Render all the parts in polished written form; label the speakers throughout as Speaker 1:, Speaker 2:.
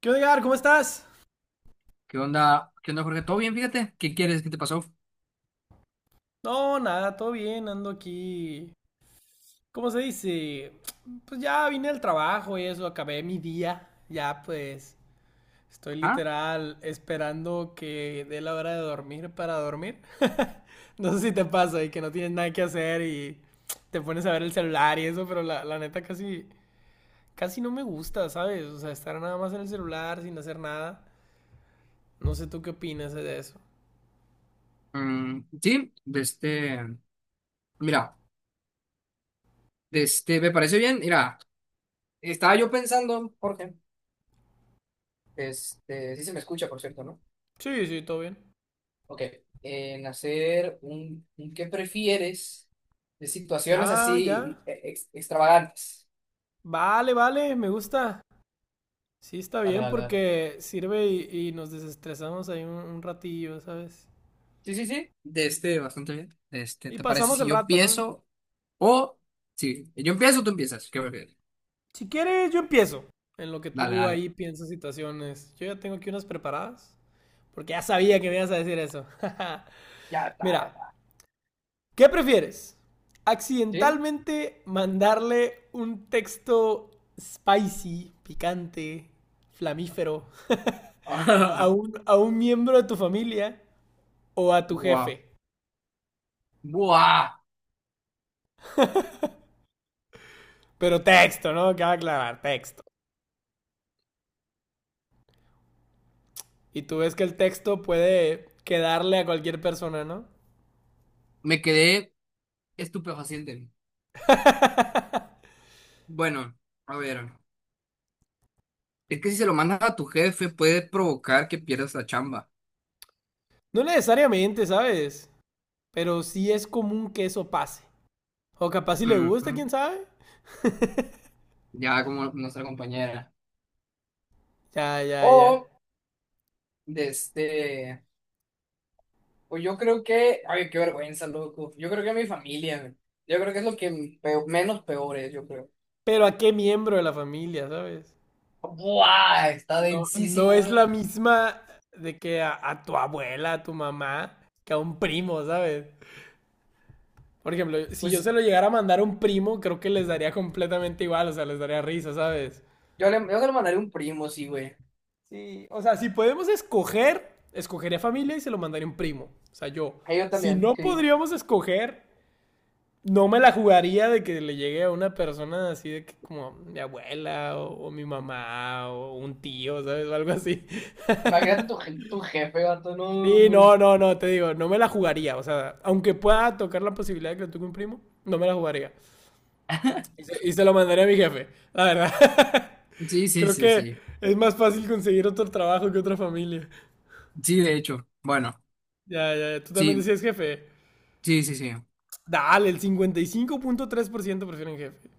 Speaker 1: ¿Qué onda, Edgar? ¿Cómo estás?
Speaker 2: ¿Qué onda? ¿Qué onda, Jorge? ¿Todo bien? Fíjate. ¿Qué quieres? ¿Qué te pasó?
Speaker 1: No, nada, todo bien, ando aquí. ¿Cómo se dice? Pues ya vine al trabajo y eso, acabé mi día. Ya pues estoy
Speaker 2: Ajá.
Speaker 1: literal esperando que dé la hora de dormir para dormir. No sé si te pasa y que no tienes nada que hacer y te pones a ver el celular y eso, pero la neta casi no me gusta, ¿sabes? O sea, estar nada más en el celular sin hacer nada. No sé tú qué opinas de eso.
Speaker 2: Mm, sí, de este. Mira, me parece bien. Mira, estaba yo pensando, Jorge. Sí se me escucha, por cierto, ¿no?
Speaker 1: Sí, sí, todo bien.
Speaker 2: Ok. En hacer un qué prefieres de situaciones
Speaker 1: Ya, ya.
Speaker 2: así extravagantes.
Speaker 1: Vale, vale, me gusta. Sí, está
Speaker 2: Dale,
Speaker 1: bien
Speaker 2: dale, dale.
Speaker 1: porque sirve y nos desestresamos ahí un ratillo, ¿sabes?
Speaker 2: Sí, sí, sí. Bastante bien.
Speaker 1: Y
Speaker 2: ¿Te parece
Speaker 1: pasamos
Speaker 2: si
Speaker 1: el
Speaker 2: yo
Speaker 1: rato, ¿no?
Speaker 2: empiezo o. Sí, yo empiezo o tú empiezas? ¿Qué prefieres?
Speaker 1: Si quieres, yo empiezo. En lo que
Speaker 2: Dale,
Speaker 1: tú
Speaker 2: dale.
Speaker 1: ahí piensas situaciones. Yo ya tengo aquí unas preparadas. Porque ya sabía que me ibas a decir eso.
Speaker 2: Ya está, ya
Speaker 1: Mira,
Speaker 2: está.
Speaker 1: ¿qué prefieres?
Speaker 2: ¿Sí?
Speaker 1: ¿Accidentalmente mandarle un texto spicy, picante, flamífero a
Speaker 2: Ah,
Speaker 1: un miembro de tu familia o a tu
Speaker 2: Buah,
Speaker 1: jefe?
Speaker 2: buah,
Speaker 1: Pero texto, ¿no? Cabe aclarar, texto. Y tú ves que el texto puede quedarle a cualquier persona, ¿no?
Speaker 2: me quedé estupefaciente. Bueno, a ver, es que si se lo mandas a tu jefe puede provocar que pierdas la chamba.
Speaker 1: No necesariamente, ¿sabes? Pero sí es común que eso pase. O capaz si le gusta,
Speaker 2: Ujú.
Speaker 1: quién sabe.
Speaker 2: Ya como nuestra compañera.
Speaker 1: Ya, ya, ya.
Speaker 2: O, de este, o yo creo que, ay, qué vergüenza, loco. Yo creo que mi familia, yo creo que es lo que menos peor es, yo creo.
Speaker 1: Pero a qué miembro de la familia, ¿sabes?
Speaker 2: Buah, está
Speaker 1: No, no
Speaker 2: densísimo,
Speaker 1: es
Speaker 2: eh.
Speaker 1: la misma de que a tu abuela, a tu mamá, que a un primo, ¿sabes? Por ejemplo, si yo
Speaker 2: Pues
Speaker 1: se lo llegara a mandar a un primo, creo que les daría completamente igual, o sea, les daría risa, ¿sabes?
Speaker 2: yo le mandaré un primo, sí, güey.
Speaker 1: Sí, o sea, si podemos escoger, escogería familia y se lo mandaría a un primo. O sea, yo,
Speaker 2: A yo
Speaker 1: si
Speaker 2: también,
Speaker 1: no
Speaker 2: sí.
Speaker 1: podríamos escoger, no me la jugaría de que le llegue a una persona así de que como mi abuela o mi mamá o un tío, ¿sabes? O algo así.
Speaker 2: Imagínate tu jefe, gato, no,
Speaker 1: Sí,
Speaker 2: hombre.
Speaker 1: no, no, no, te digo, no me la jugaría. O sea, aunque pueda tocar la posibilidad de que lo toque un primo, no me la jugaría. Y se lo mandaría a mi jefe, la verdad.
Speaker 2: Sí, sí,
Speaker 1: Creo
Speaker 2: sí,
Speaker 1: que
Speaker 2: sí.
Speaker 1: es más fácil conseguir otro trabajo que otra familia.
Speaker 2: Sí, de hecho. Bueno,
Speaker 1: Ya, ya, ya. Tú también
Speaker 2: sí,
Speaker 1: decías jefe.
Speaker 2: sí, sí, sí.
Speaker 1: Dale, el 55.3% prefieren jefe.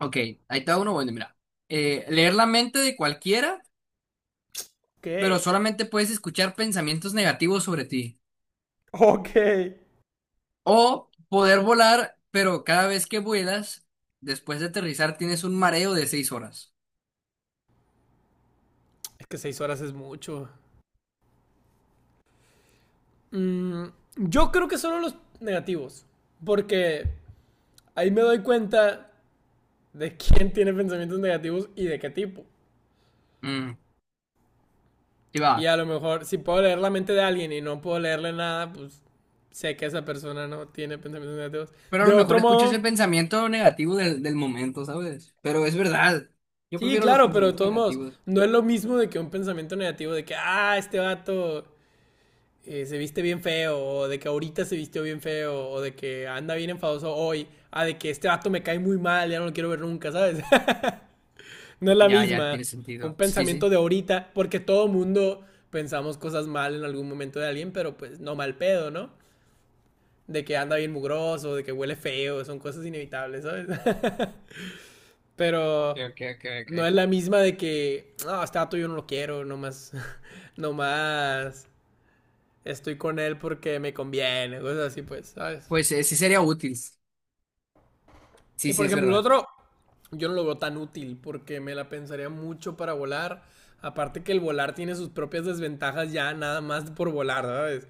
Speaker 2: Ok, ahí está uno. Bueno, mira. Leer la mente de cualquiera,
Speaker 1: Ok.
Speaker 2: pero solamente puedes escuchar pensamientos negativos sobre ti.
Speaker 1: Ok.
Speaker 2: O poder volar, pero cada vez que vuelas, después de aterrizar, tienes un mareo de seis horas.
Speaker 1: Es que 6 horas es mucho. Mm, yo creo que solo los negativos. Porque ahí me doy cuenta de quién tiene pensamientos negativos y de qué tipo.
Speaker 2: Mm, sí va.
Speaker 1: Y a lo mejor, si puedo leer la mente de alguien y no puedo leerle nada, pues sé que esa persona no tiene pensamientos negativos.
Speaker 2: Pero a
Speaker 1: De
Speaker 2: lo mejor
Speaker 1: otro
Speaker 2: escuchas el
Speaker 1: modo,
Speaker 2: pensamiento negativo del momento, ¿sabes? Pero es verdad. Yo
Speaker 1: sí,
Speaker 2: prefiero los
Speaker 1: claro, pero de
Speaker 2: pensamientos
Speaker 1: todos modos,
Speaker 2: negativos.
Speaker 1: no es lo mismo de que un pensamiento negativo de que, ah, este vato se viste bien feo, o de que ahorita se vistió bien feo, o de que anda bien enfadoso hoy, a de que este vato me cae muy mal, ya no lo quiero ver nunca, ¿sabes? no es la
Speaker 2: Ya, ya,
Speaker 1: misma.
Speaker 2: tiene
Speaker 1: Un
Speaker 2: sentido. Sí, sí.
Speaker 1: pensamiento de ahorita, porque todo mundo pensamos cosas mal en algún momento de alguien, pero pues no mal pedo, ¿no? De que anda bien mugroso, de que huele feo, son cosas inevitables, ¿sabes?
Speaker 2: Ok,
Speaker 1: pero
Speaker 2: ok, ok, ok.
Speaker 1: no es la misma de que, no, oh, este vato yo no lo quiero, nomás, nomás estoy con él porque me conviene, cosas así, pues, ¿sabes?
Speaker 2: Pues sí sería útil. Sí,
Speaker 1: Y
Speaker 2: sí,
Speaker 1: por
Speaker 2: es
Speaker 1: ejemplo, el
Speaker 2: verdad.
Speaker 1: otro, yo no lo veo tan útil porque me la pensaría mucho para volar. Aparte que el volar tiene sus propias desventajas ya nada más por volar, ¿sabes?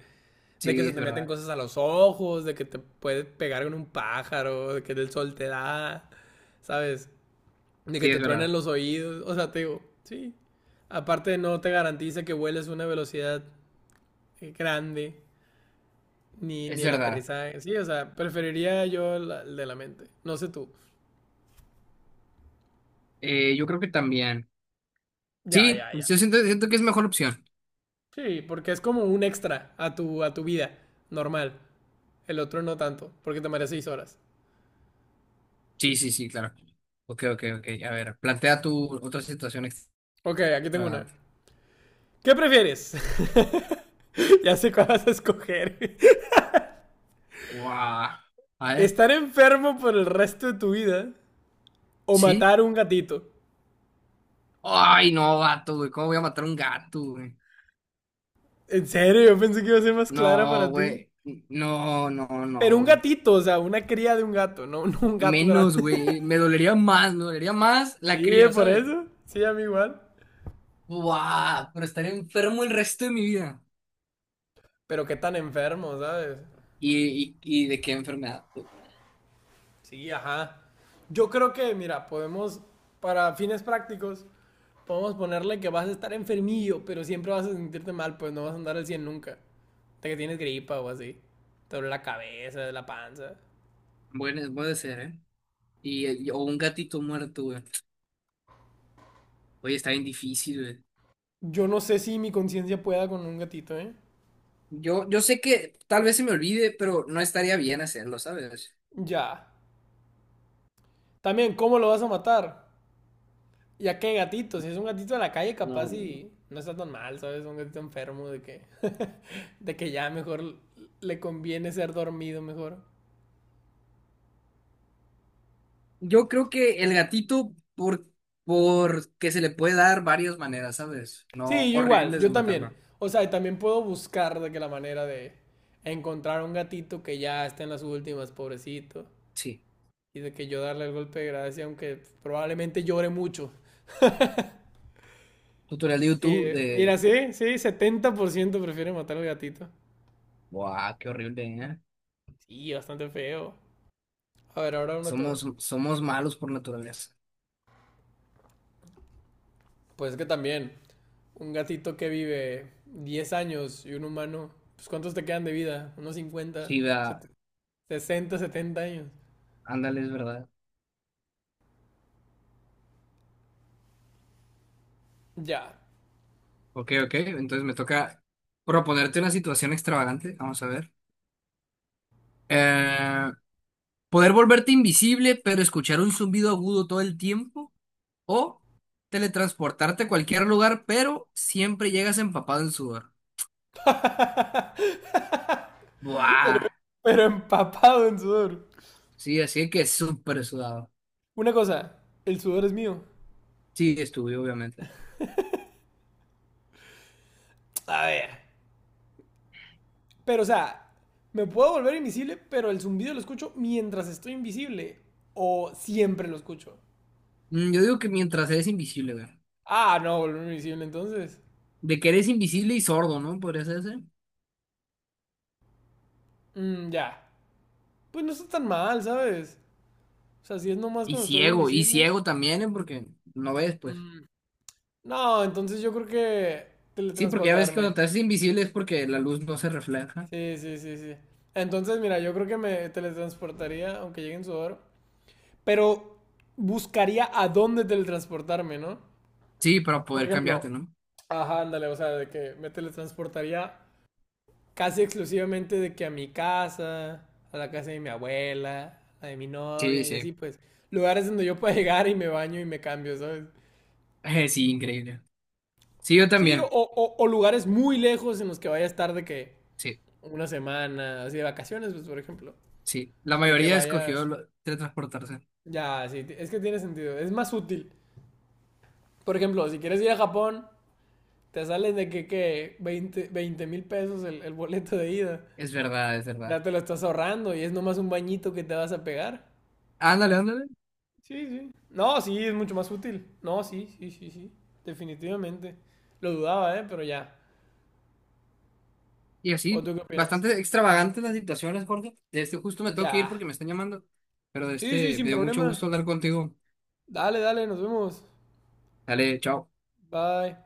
Speaker 1: De que
Speaker 2: Sí,
Speaker 1: se
Speaker 2: es
Speaker 1: te meten
Speaker 2: verdad.
Speaker 1: cosas a los ojos, de que te puedes pegar con un pájaro, de que el sol te da, ¿sabes? De que
Speaker 2: Sí,
Speaker 1: te
Speaker 2: es
Speaker 1: truenen
Speaker 2: verdad.
Speaker 1: los oídos, o sea, te digo, sí. Aparte no te garantiza que vueles a una velocidad grande. Ni
Speaker 2: Es
Speaker 1: el
Speaker 2: verdad.
Speaker 1: aterrizaje. Sí, o sea, preferiría yo el de la mente. No sé tú.
Speaker 2: Yo creo que también.
Speaker 1: Ya,
Speaker 2: Sí,
Speaker 1: ya, ya.
Speaker 2: siento que es mejor opción.
Speaker 1: Sí, porque es como un extra a tu vida normal. El otro no tanto, porque te mareas 6 horas.
Speaker 2: Sí, sí, sí, claro. Ok, ok, ok. A ver, plantea tu otra situación
Speaker 1: Ok, aquí tengo una.
Speaker 2: extravagante.
Speaker 1: ¿Qué prefieres? ya sé cuál vas a escoger.
Speaker 2: Guau. A ver,
Speaker 1: ¿Estar enfermo por el resto de tu vida o
Speaker 2: ¿sí?
Speaker 1: matar un gatito?
Speaker 2: Ay, no, gato, güey. ¿Cómo voy a matar a un gato, güey?
Speaker 1: En serio, yo pensé que iba a ser más clara
Speaker 2: No,
Speaker 1: para ti.
Speaker 2: güey. No, no,
Speaker 1: Pero
Speaker 2: no,
Speaker 1: un
Speaker 2: güey.
Speaker 1: gatito, o sea, una cría de un gato, no, no un gato
Speaker 2: Menos,
Speaker 1: grande.
Speaker 2: güey. Me dolería más la
Speaker 1: sí,
Speaker 2: cría,
Speaker 1: por
Speaker 2: ¿sabes?
Speaker 1: eso. Sí, a mí igual.
Speaker 2: Buah, pero estaré enfermo el resto de mi vida.
Speaker 1: Pero qué tan enfermo, ¿sabes?
Speaker 2: Y de qué enfermedad, güey?
Speaker 1: Sí, ajá. Yo creo que, mira, podemos, para fines prácticos, podemos ponerle que vas a estar enfermillo, pero siempre vas a sentirte mal, pues no vas a andar al 100 nunca. Hasta que tienes gripa o así. Te duele la cabeza, la panza.
Speaker 2: Bueno, puede ser, ¿eh? Y, o un gatito muerto, güey. Oye, está bien difícil, güey.
Speaker 1: Yo no sé si mi conciencia pueda con un gatito, ¿eh?
Speaker 2: Yo sé que tal vez se me olvide, pero no estaría bien hacerlo, ¿sabes?
Speaker 1: Ya. También, ¿cómo lo vas a matar? Ya que gatito, si es un gatito de la calle, capaz
Speaker 2: No.
Speaker 1: y no está tan mal, ¿sabes? Un gatito enfermo de que, de que ya mejor le conviene ser dormido mejor.
Speaker 2: Yo creo que el gatito, porque se le puede dar varias maneras, ¿sabes? No
Speaker 1: Sí, yo igual,
Speaker 2: horribles de
Speaker 1: yo también.
Speaker 2: matarlo.
Speaker 1: O sea, y también puedo buscar de que la manera de encontrar un gatito que ya está en las últimas, pobrecito.
Speaker 2: Sí.
Speaker 1: Y de que yo darle el golpe de gracia, aunque probablemente llore mucho.
Speaker 2: Tutorial de
Speaker 1: Sí,
Speaker 2: YouTube
Speaker 1: mira,
Speaker 2: de...
Speaker 1: sí, sí, 70% prefiere matar al gatito.
Speaker 2: Buah, qué horrible, ¿eh?
Speaker 1: Sí, bastante feo. A ver, ahora uno tú.
Speaker 2: Somos malos por naturaleza.
Speaker 1: Pues es que también, un gatito que vive 10 años y un humano, pues ¿cuántos te quedan de vida? ¿Unos cincuenta
Speaker 2: Sí, vea.
Speaker 1: sesenta setenta años?
Speaker 2: Ándale, es verdad.
Speaker 1: Ya.
Speaker 2: Ok, ok. Entonces me toca proponerte una situación extravagante. Vamos a ver. Eh, poder volverte invisible, pero escuchar un zumbido agudo todo el tiempo. O teletransportarte a cualquier lugar, pero siempre llegas empapado en sudor. Buah.
Speaker 1: Pero empapado en sudor.
Speaker 2: Sí, así que súper sudado.
Speaker 1: Una cosa, el sudor es mío.
Speaker 2: Sí, estuve, obviamente.
Speaker 1: A ver. Pero o sea, me puedo volver invisible, pero el zumbido lo escucho mientras estoy invisible. O siempre lo escucho.
Speaker 2: Mm, yo digo que mientras eres invisible, güey.
Speaker 1: Ah, no, volver invisible entonces.
Speaker 2: De que eres invisible y sordo, ¿no? Podría ser ese.
Speaker 1: Mm, ya. Pues no está tan mal, ¿sabes? O sea, si es nomás cuando estás
Speaker 2: Y
Speaker 1: invisible.
Speaker 2: ciego también, ¿eh? Porque no ves, pues.
Speaker 1: mm, No, entonces yo creo que
Speaker 2: Sí, porque ya ves que cuando
Speaker 1: teletransportarme.
Speaker 2: te haces invisible es porque la luz no se refleja.
Speaker 1: Sí, sí, sí, sí. Entonces, mira, yo creo que me teletransportaría, aunque llegue en sudor, pero buscaría a dónde teletransportarme, ¿no?
Speaker 2: Sí, para
Speaker 1: Por
Speaker 2: poder cambiarte,
Speaker 1: ejemplo,
Speaker 2: ¿no?
Speaker 1: ajá, ándale, o sea, de que me teletransportaría casi exclusivamente de que a mi casa, a la casa de mi abuela, la de mi
Speaker 2: Sí,
Speaker 1: novia y
Speaker 2: sí.
Speaker 1: así, pues, lugares donde yo pueda llegar y me baño y me cambio, ¿sabes?
Speaker 2: Sí, increíble. Sí, yo
Speaker 1: Sí,
Speaker 2: también.
Speaker 1: o lugares muy lejos en los que vaya a estar de que
Speaker 2: Sí,
Speaker 1: una semana, así de vacaciones, pues, por ejemplo.
Speaker 2: sí. La
Speaker 1: De que
Speaker 2: mayoría escogió
Speaker 1: vayas.
Speaker 2: teletransportarse.
Speaker 1: Ya, sí, es que tiene sentido. Es más útil. Por ejemplo, si quieres ir a Japón, te salen de que 20,000 pesos el boleto de ida.
Speaker 2: Es verdad, es verdad.
Speaker 1: Ya te lo estás ahorrando y es nomás un bañito que te vas a pegar.
Speaker 2: Ándale, ándale.
Speaker 1: Sí, sí. No, sí, es mucho más útil. No, sí, sí, sí, sí. Definitivamente. Lo dudaba, ¿eh? Pero ya.
Speaker 2: Y
Speaker 1: ¿O
Speaker 2: así,
Speaker 1: tú qué opinas?
Speaker 2: bastante extravagantes las situaciones, Jorge. De este justo me tengo que ir
Speaker 1: Ya.
Speaker 2: porque me están llamando. Pero
Speaker 1: Sí, sí, sin
Speaker 2: me dio mucho
Speaker 1: problema.
Speaker 2: gusto hablar contigo.
Speaker 1: Dale, dale, nos vemos.
Speaker 2: Dale, chao.
Speaker 1: Bye.